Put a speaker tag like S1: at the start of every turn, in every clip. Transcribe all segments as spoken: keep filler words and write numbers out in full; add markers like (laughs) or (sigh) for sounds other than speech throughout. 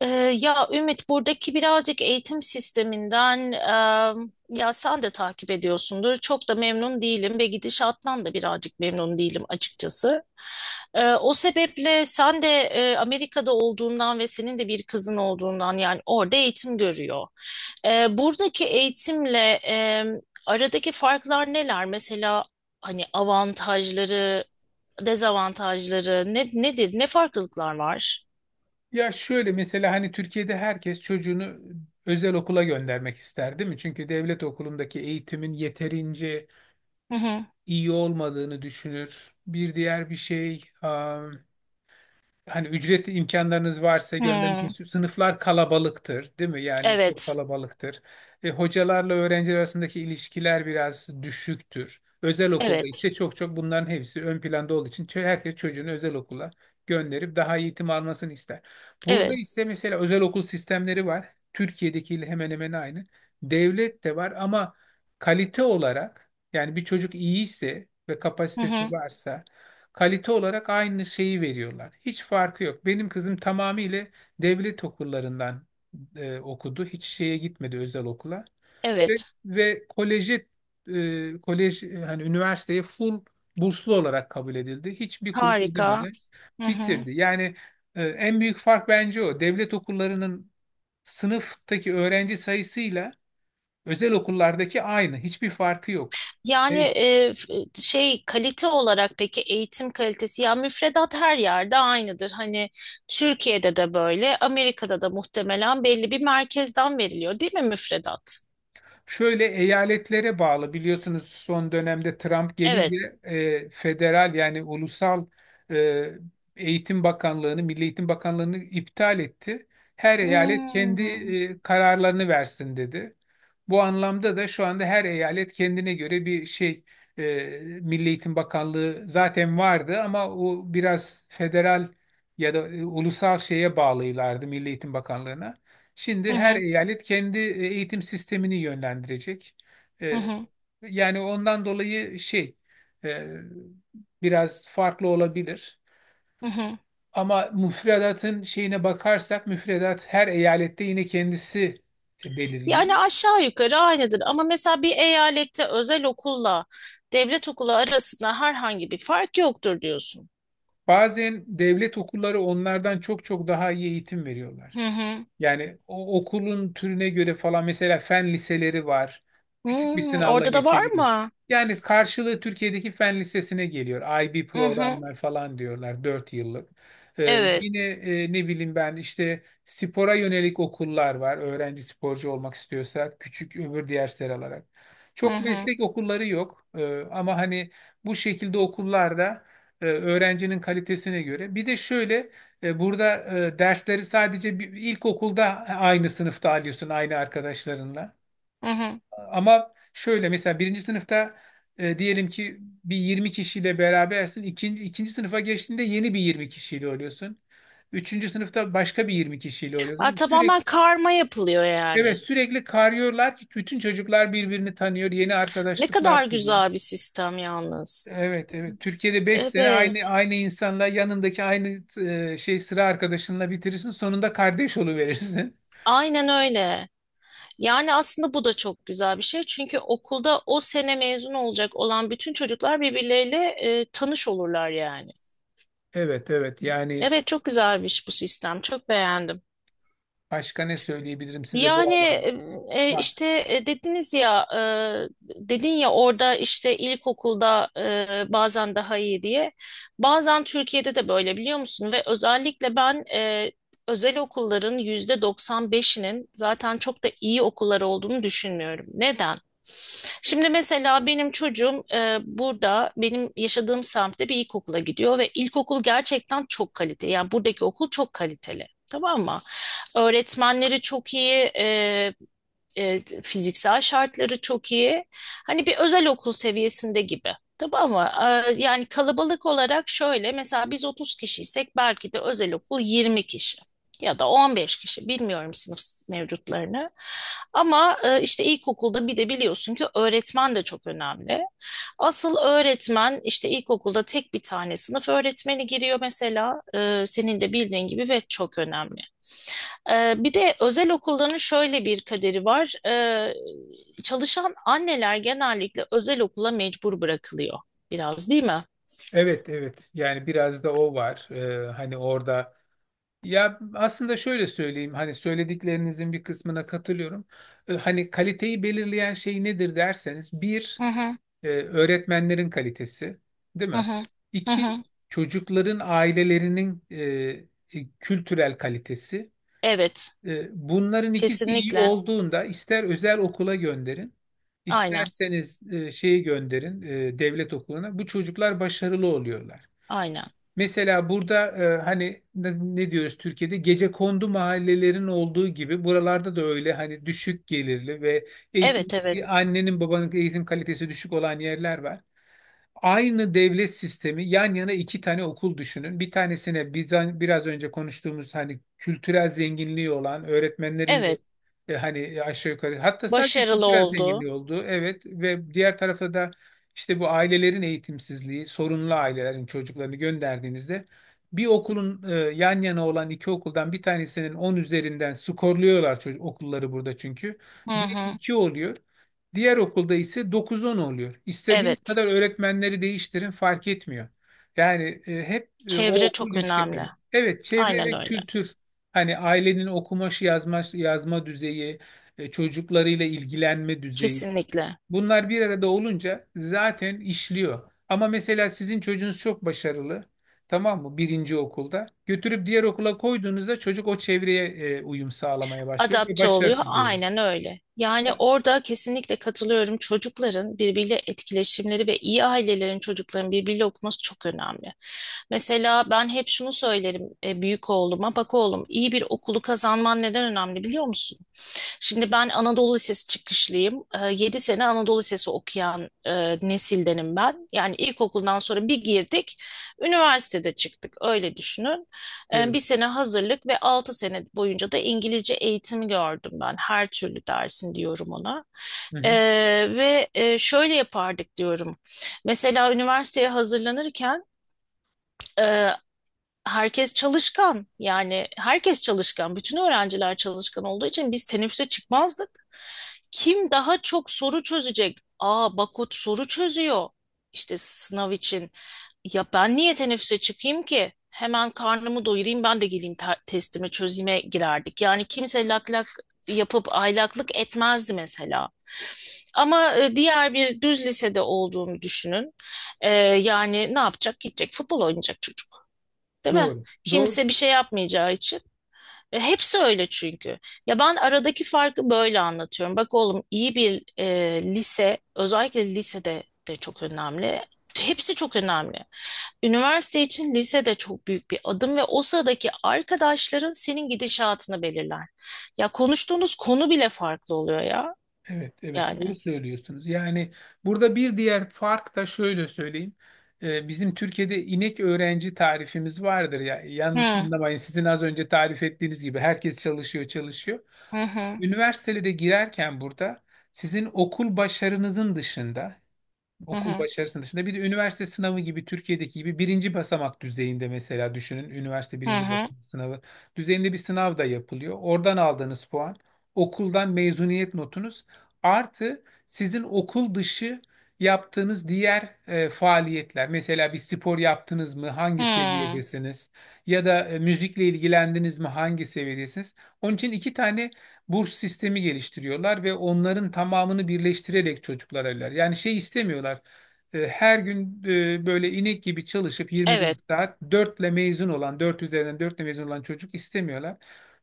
S1: Ee, ya Ümit buradaki birazcık eğitim sisteminden e, ya sen de takip ediyorsundur. Çok da memnun değilim ve gidişattan da birazcık memnun değilim açıkçası. Ee, o sebeple sen de e, Amerika'da olduğundan ve senin de bir kızın olduğundan yani orada eğitim görüyor. Ee, buradaki eğitimle e, aradaki farklar neler? Mesela hani avantajları, dezavantajları ne, nedir? Ne farklılıklar var?
S2: Ya şöyle mesela hani Türkiye'de herkes çocuğunu özel okula göndermek ister değil mi? Çünkü devlet okulundaki eğitimin yeterince
S1: Hı hı.
S2: iyi olmadığını düşünür. Bir diğer bir şey, hani ücretli imkanlarınız varsa göndermişsiniz.
S1: Hı.
S2: Sınıflar kalabalıktır, değil mi? Yani çok
S1: Evet,
S2: kalabalıktır. E, hocalarla öğrenciler arasındaki ilişkiler biraz düşüktür. Özel okulda
S1: evet,
S2: ise çok çok bunların hepsi ön planda olduğu için çö- herkes çocuğunu özel okula gönderip daha iyi eğitim almasını ister. Burada
S1: evet.
S2: ise mesela özel okul sistemleri var. Türkiye'dekiyle hemen hemen aynı. Devlet de var ama kalite olarak, yani bir çocuk iyiyse ve
S1: Hı
S2: kapasitesi
S1: hı,
S2: varsa, kalite olarak aynı şeyi veriyorlar. Hiç farkı yok. Benim kızım tamamıyla devlet okullarından e, okudu. Hiç şeye gitmedi, özel okula. Ve,
S1: evet.
S2: ve koleji e, kolej, e, hani üniversiteye full burslu olarak kabul edildi. Hiçbir kuruş
S1: Harika.
S2: ödemeden
S1: Hı hı.
S2: bitirdi. Yani e, en büyük fark bence o. Devlet okullarının sınıftaki öğrenci sayısıyla özel okullardaki aynı. Hiçbir farkı yok.
S1: Yani e, f- e, şey kalite olarak peki eğitim kalitesi ya müfredat her yerde aynıdır. Hani Türkiye'de de böyle, Amerika'da da muhtemelen belli bir merkezden veriliyor, değil mi müfredat?
S2: Şöyle, eyaletlere bağlı, biliyorsunuz son dönemde Trump
S1: Evet.
S2: gelince e, federal yani ulusal e, Eğitim Bakanlığı'nı, Milli Eğitim Bakanlığı'nı iptal etti. Her eyalet kendi
S1: Hmm.
S2: e, kararlarını versin dedi. Bu anlamda da şu anda her eyalet kendine göre bir şey. e, Milli Eğitim Bakanlığı zaten vardı ama o biraz federal ya da e, ulusal şeye bağlıylardı, Milli Eğitim Bakanlığı'na.
S1: Hı
S2: Şimdi her
S1: hı,
S2: eyalet kendi e, eğitim sistemini yönlendirecek.
S1: hı
S2: Ee,
S1: hı,
S2: Yani ondan dolayı şey, e, biraz farklı olabilir.
S1: hı hı.
S2: Ama müfredatın şeyine bakarsak, müfredat her eyalette yine kendisi e, belirliyor.
S1: Yani aşağı yukarı aynıdır ama mesela bir eyalette özel okulla devlet okulu arasında herhangi bir fark yoktur diyorsun.
S2: Bazen devlet okulları onlardan çok çok daha iyi eğitim veriyorlar.
S1: Hı hı.
S2: Yani o okulun türüne göre falan, mesela fen liseleri var. Küçük bir
S1: Hmm,
S2: sınavla
S1: orada da var
S2: geçebilir.
S1: mı?
S2: Yani karşılığı Türkiye'deki fen lisesine geliyor. I B
S1: Hı hı,
S2: programlar falan diyorlar, dört yıllık. Ee,
S1: evet.
S2: yine, e, ne bileyim ben, işte spora yönelik okullar var. Öğrenci sporcu olmak istiyorsa küçük öbür dersler alarak.
S1: Hı
S2: Çok
S1: hı,
S2: meslek okulları yok. Ee, ama hani bu şekilde okullarda e, öğrencinin kalitesine göre. Bir de şöyle, e, burada e, dersleri sadece bir, ilkokulda aynı sınıfta alıyorsun, aynı arkadaşlarınla.
S1: hı hı.
S2: Ama şöyle, mesela birinci sınıfta, e, diyelim ki bir yirmi kişiyle berabersin. İkinci, ikinci sınıfa geçtiğinde yeni bir yirmi kişiyle oluyorsun. Üçüncü sınıfta başka bir yirmi kişiyle
S1: Ha,
S2: oluyorsun. Sürekli,
S1: tamamen karma yapılıyor
S2: evet,
S1: yani.
S2: sürekli karıyorlar ki bütün çocuklar birbirini tanıyor, yeni
S1: Ne kadar
S2: arkadaşlıklar kuruyor.
S1: güzel bir sistem yalnız.
S2: Evet, evet. Türkiye'de beş sene aynı
S1: Evet,
S2: aynı insanla, yanındaki aynı e, şey sıra arkadaşınla bitirirsin. Sonunda kardeş oluverirsin.
S1: aynen öyle. Yani aslında bu da çok güzel bir şey. Çünkü okulda o sene mezun olacak olan bütün çocuklar birbirleriyle e, tanış olurlar yani.
S2: Evet, evet, yani
S1: Evet, çok güzelmiş bu sistem. Çok beğendim.
S2: başka ne söyleyebilirim size, bu
S1: Yani
S2: alan
S1: e,
S2: var.
S1: işte e, dediniz ya e, dedin ya orada işte ilkokulda e, bazen daha iyi diye. Bazen Türkiye'de de böyle biliyor musun? Ve özellikle ben e, özel okulların yüzde doksan beşinin zaten çok da iyi okullar olduğunu düşünmüyorum. Neden? Şimdi mesela benim çocuğum e, burada benim yaşadığım semtte bir ilkokula gidiyor ve ilkokul gerçekten çok kaliteli. Yani buradaki okul çok kaliteli. Tamam mı? Öğretmenleri çok iyi, e, e, fiziksel şartları çok iyi. Hani bir özel okul seviyesinde gibi. Tabii ama e, yani kalabalık olarak şöyle mesela biz otuz kişiysek belki de özel okul yirmi kişi ya da on beş kişi bilmiyorum sınıf mevcutlarını. Ama e, işte ilkokulda bir de biliyorsun ki öğretmen de çok önemli. Asıl öğretmen işte ilkokulda tek bir tane sınıf öğretmeni giriyor mesela. E, senin de bildiğin gibi ve çok önemli. Ee, bir de özel okulların şöyle bir kaderi var. Ee, çalışan anneler genellikle özel okula mecbur bırakılıyor biraz değil mi?
S2: Evet, evet, yani biraz da o var. Ee, hani orada, ya, aslında şöyle söyleyeyim, hani söylediklerinizin bir kısmına katılıyorum. Ee, hani kaliteyi belirleyen şey nedir derseniz,
S1: Hı
S2: bir,
S1: hı,
S2: e, öğretmenlerin kalitesi, değil
S1: hı
S2: mi?
S1: hı, hı
S2: İki,
S1: hı.
S2: çocukların ailelerinin e, e, kültürel kalitesi.
S1: Evet,
S2: E, Bunların ikisi iyi
S1: kesinlikle.
S2: olduğunda, ister özel okula gönderin,
S1: Aynen,
S2: isterseniz e, şeyi gönderin, e, devlet okuluna, bu çocuklar başarılı oluyorlar.
S1: aynen.
S2: Mesela burada, e, hani ne ne diyoruz, Türkiye'de gecekondu mahallelerin olduğu gibi buralarda da öyle, hani düşük gelirli ve eğitim
S1: Evet, evet,
S2: annenin babanın eğitim kalitesi düşük olan yerler var. Aynı devlet sistemi, yan yana iki tane okul düşünün. Bir tanesine biz hani biraz önce konuştuğumuz hani kültürel zenginliği olan öğretmenlerin de,
S1: evet.
S2: e, hani aşağı yukarı, hatta sadece
S1: Başarılı
S2: kültürel
S1: oldu.
S2: zenginliği olduğu, evet, ve diğer tarafta da işte bu ailelerin eğitimsizliği, sorunlu ailelerin çocuklarını gönderdiğinizde, bir okulun, e, yan yana olan iki okuldan bir tanesinin on üzerinden skorluyorlar çocuk okulları burada çünkü.
S1: Hı
S2: Bir
S1: hı.
S2: iki oluyor. Diğer okulda ise dokuz on oluyor. İstediğiniz
S1: Evet,
S2: kadar öğretmenleri değiştirin, fark etmiyor. Yani e, hep, e, o
S1: çevre
S2: okul
S1: çok
S2: yüksek
S1: önemli.
S2: öğrenim. Evet, çevre
S1: Aynen
S2: ve
S1: öyle.
S2: kültür, hani ailenin okumaşı yazma, yazma düzeyi, e, çocuklarıyla ilgilenme düzeyi,
S1: Kesinlikle.
S2: bunlar bir arada olunca zaten işliyor. Ama mesela sizin çocuğunuz çok başarılı, tamam mı, birinci okulda, götürüp diğer okula koyduğunuzda çocuk o çevreye e, uyum sağlamaya başlıyor ve
S1: Adapte oluyor.
S2: başarısız oluyor.
S1: Aynen öyle. Yani orada kesinlikle katılıyorum. Çocukların birbiriyle etkileşimleri ve iyi ailelerin çocukların birbiriyle okuması çok önemli. Mesela ben hep şunu söylerim e, büyük oğluma. Bak oğlum iyi bir okulu kazanman neden önemli biliyor musun? Şimdi ben Anadolu Lisesi çıkışlıyım. Ee, Yedi sene Anadolu Lisesi okuyan e, nesildenim ben. Yani ilkokuldan sonra bir girdik, üniversitede çıktık. Öyle düşünün. E, bir
S2: Evet.
S1: sene hazırlık ve altı sene boyunca da İngilizce eğitimi gördüm ben. Her türlü dersin diyorum ona.
S2: Hı
S1: E,
S2: hı.
S1: Ve e, şöyle yapardık diyorum. Mesela üniversiteye hazırlanırken e, herkes çalışkan yani herkes çalışkan bütün öğrenciler çalışkan olduğu için biz teneffüse çıkmazdık. Kim daha çok soru çözecek? Aa Bakut soru çözüyor işte sınav için. Ya ben niye teneffüse çıkayım ki? Hemen karnımı doyurayım ben de geleyim te- testimi çözüme girerdik. Yani kimse lak lak yapıp aylaklık etmezdi mesela. Ama e, diğer bir düz lisede olduğunu düşünün. E, yani ne yapacak? Gidecek futbol oynayacak çocuk. Değil mi?
S2: Doğru. Doğru.
S1: Kimse bir şey yapmayacağı için. E, hepsi öyle çünkü. Ya ben aradaki farkı böyle anlatıyorum. Bak oğlum iyi bir e, lise, özellikle lisede de çok önemli. Hepsi çok önemli. Üniversite için lise de çok büyük bir adım ve o sıradaki arkadaşların senin gidişatını belirler. Ya konuştuğunuz konu bile farklı oluyor ya.
S2: Evet, evet,
S1: Yani.
S2: doğru söylüyorsunuz. Yani burada bir diğer fark da şöyle söyleyeyim. Ee, bizim Türkiye'de inek öğrenci tarifimiz vardır ya. Yanlış
S1: Hı
S2: anlamayın. Sizin az önce tarif ettiğiniz gibi herkes çalışıyor, çalışıyor.
S1: hı,
S2: Üniversitelere girerken burada, sizin okul başarınızın dışında
S1: hı
S2: okul
S1: hı,
S2: başarısının dışında, bir de üniversite sınavı gibi, Türkiye'deki gibi birinci basamak düzeyinde, mesela düşünün, üniversite
S1: hı
S2: birinci
S1: hı.
S2: basamak sınavı düzeyinde bir sınav da yapılıyor. Oradan aldığınız puan, okuldan mezuniyet notunuz, artı sizin okul dışı yaptığınız diğer e, faaliyetler. Mesela bir spor yaptınız mı, hangi
S1: Hı,
S2: seviyedesiniz, ya da e, müzikle ilgilendiniz mi, hangi seviyedesiniz? Onun için iki tane burs sistemi geliştiriyorlar ve onların tamamını birleştirerek çocuklar evler. Yani şey istemiyorlar. E, Her gün, e, böyle inek gibi çalışıp yirmi dört
S1: evet.
S2: saat dört mezun olan, dört üzerinden dört mezun olan çocuk istemiyorlar.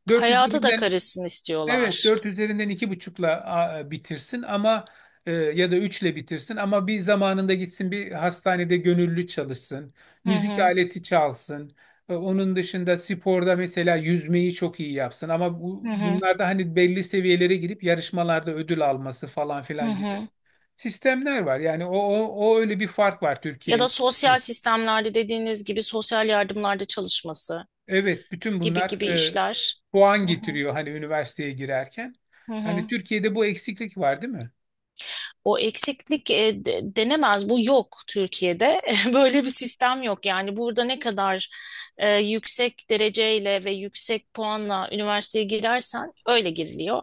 S2: Dört
S1: Hayata da
S2: üzerinden
S1: karışsın
S2: Evet,
S1: istiyorlar.
S2: dört üzerinden iki buçukla a, bitirsin ama, e, ya da üçle bitirsin ama bir zamanında gitsin, bir hastanede gönüllü çalışsın,
S1: Hı
S2: müzik
S1: hı,
S2: aleti çalsın. E, onun dışında sporda mesela yüzmeyi çok iyi yapsın ama
S1: hı
S2: bu,
S1: hı.
S2: bunlarda hani belli seviyelere girip yarışmalarda ödül alması falan
S1: Hı
S2: filan gibi
S1: hı.
S2: sistemler var. Yani o, o, o öyle bir fark var Türkiye
S1: Ya
S2: ile.
S1: da sosyal sistemlerde dediğiniz gibi sosyal yardımlarda çalışması
S2: Evet, bütün
S1: gibi
S2: bunlar
S1: gibi
S2: e,
S1: işler.
S2: puan
S1: Hı hı.
S2: getiriyor hani üniversiteye girerken.
S1: Hı hı.
S2: Hani Türkiye'de bu eksiklik var, değil mi?
S1: O eksiklik e, de- denemez. Bu yok Türkiye'de. (laughs) Böyle bir sistem yok. Yani burada ne kadar e, yüksek dereceyle ve yüksek puanla üniversiteye girersen öyle giriliyor.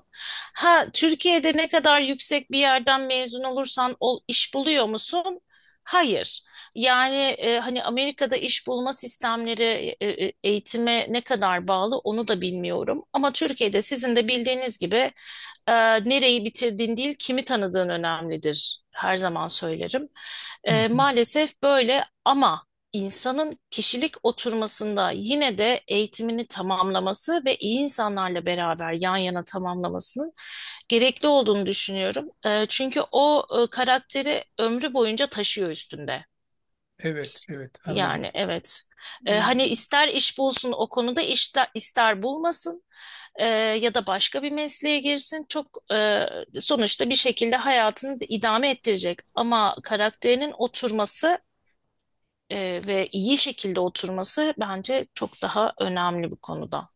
S1: Ha Türkiye'de ne kadar yüksek bir yerden mezun olursan ol, iş buluyor musun? Hayır. Yani e, hani Amerika'da iş bulma sistemleri e, e, eğitime ne kadar bağlı onu da bilmiyorum. Ama Türkiye'de sizin de bildiğiniz gibi ee, nereyi bitirdiğin değil, kimi tanıdığın önemlidir. Her zaman söylerim.
S2: Hı
S1: Ee,
S2: hı.
S1: maalesef böyle ama insanın kişilik oturmasında yine de eğitimini tamamlaması ve iyi insanlarla beraber yan yana tamamlamasının gerekli olduğunu düşünüyorum. Ee, çünkü o e, karakteri ömrü boyunca taşıyor üstünde.
S2: Evet, evet, anladım.
S1: Yani evet. Ee,
S2: Ee,
S1: hani ister iş bulsun o konuda ister, ister bulmasın e, ya da başka bir mesleğe girsin. Çok e, sonuçta bir şekilde hayatını da idame ettirecek. Ama karakterinin oturması e, ve iyi şekilde oturması bence çok daha önemli bu konuda.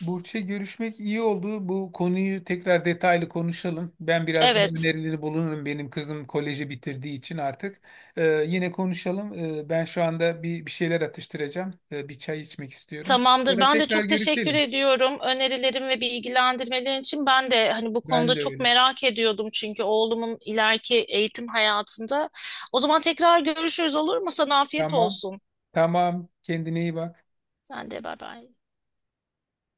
S2: Burç'e, görüşmek iyi oldu. Bu konuyu tekrar detaylı konuşalım. Ben biraz daha
S1: Evet.
S2: önerileri bulunurum. Benim kızım koleji bitirdiği için artık. Ee, yine konuşalım. Ee, ben şu anda bir, bir şeyler atıştıracağım. Ee, bir çay içmek istiyorum.
S1: Tamamdır.
S2: Sonra
S1: Ben de
S2: tekrar
S1: çok teşekkür
S2: görüşelim.
S1: ediyorum önerilerim ve bilgilendirmelerin için. Ben de hani bu
S2: Ben
S1: konuda
S2: de
S1: çok
S2: öyle.
S1: merak ediyordum çünkü oğlumun ileriki eğitim hayatında. O zaman tekrar görüşürüz olur mu? Sana afiyet
S2: Tamam,
S1: olsun.
S2: tamam. Kendine iyi bak.
S1: Sen de bay bay.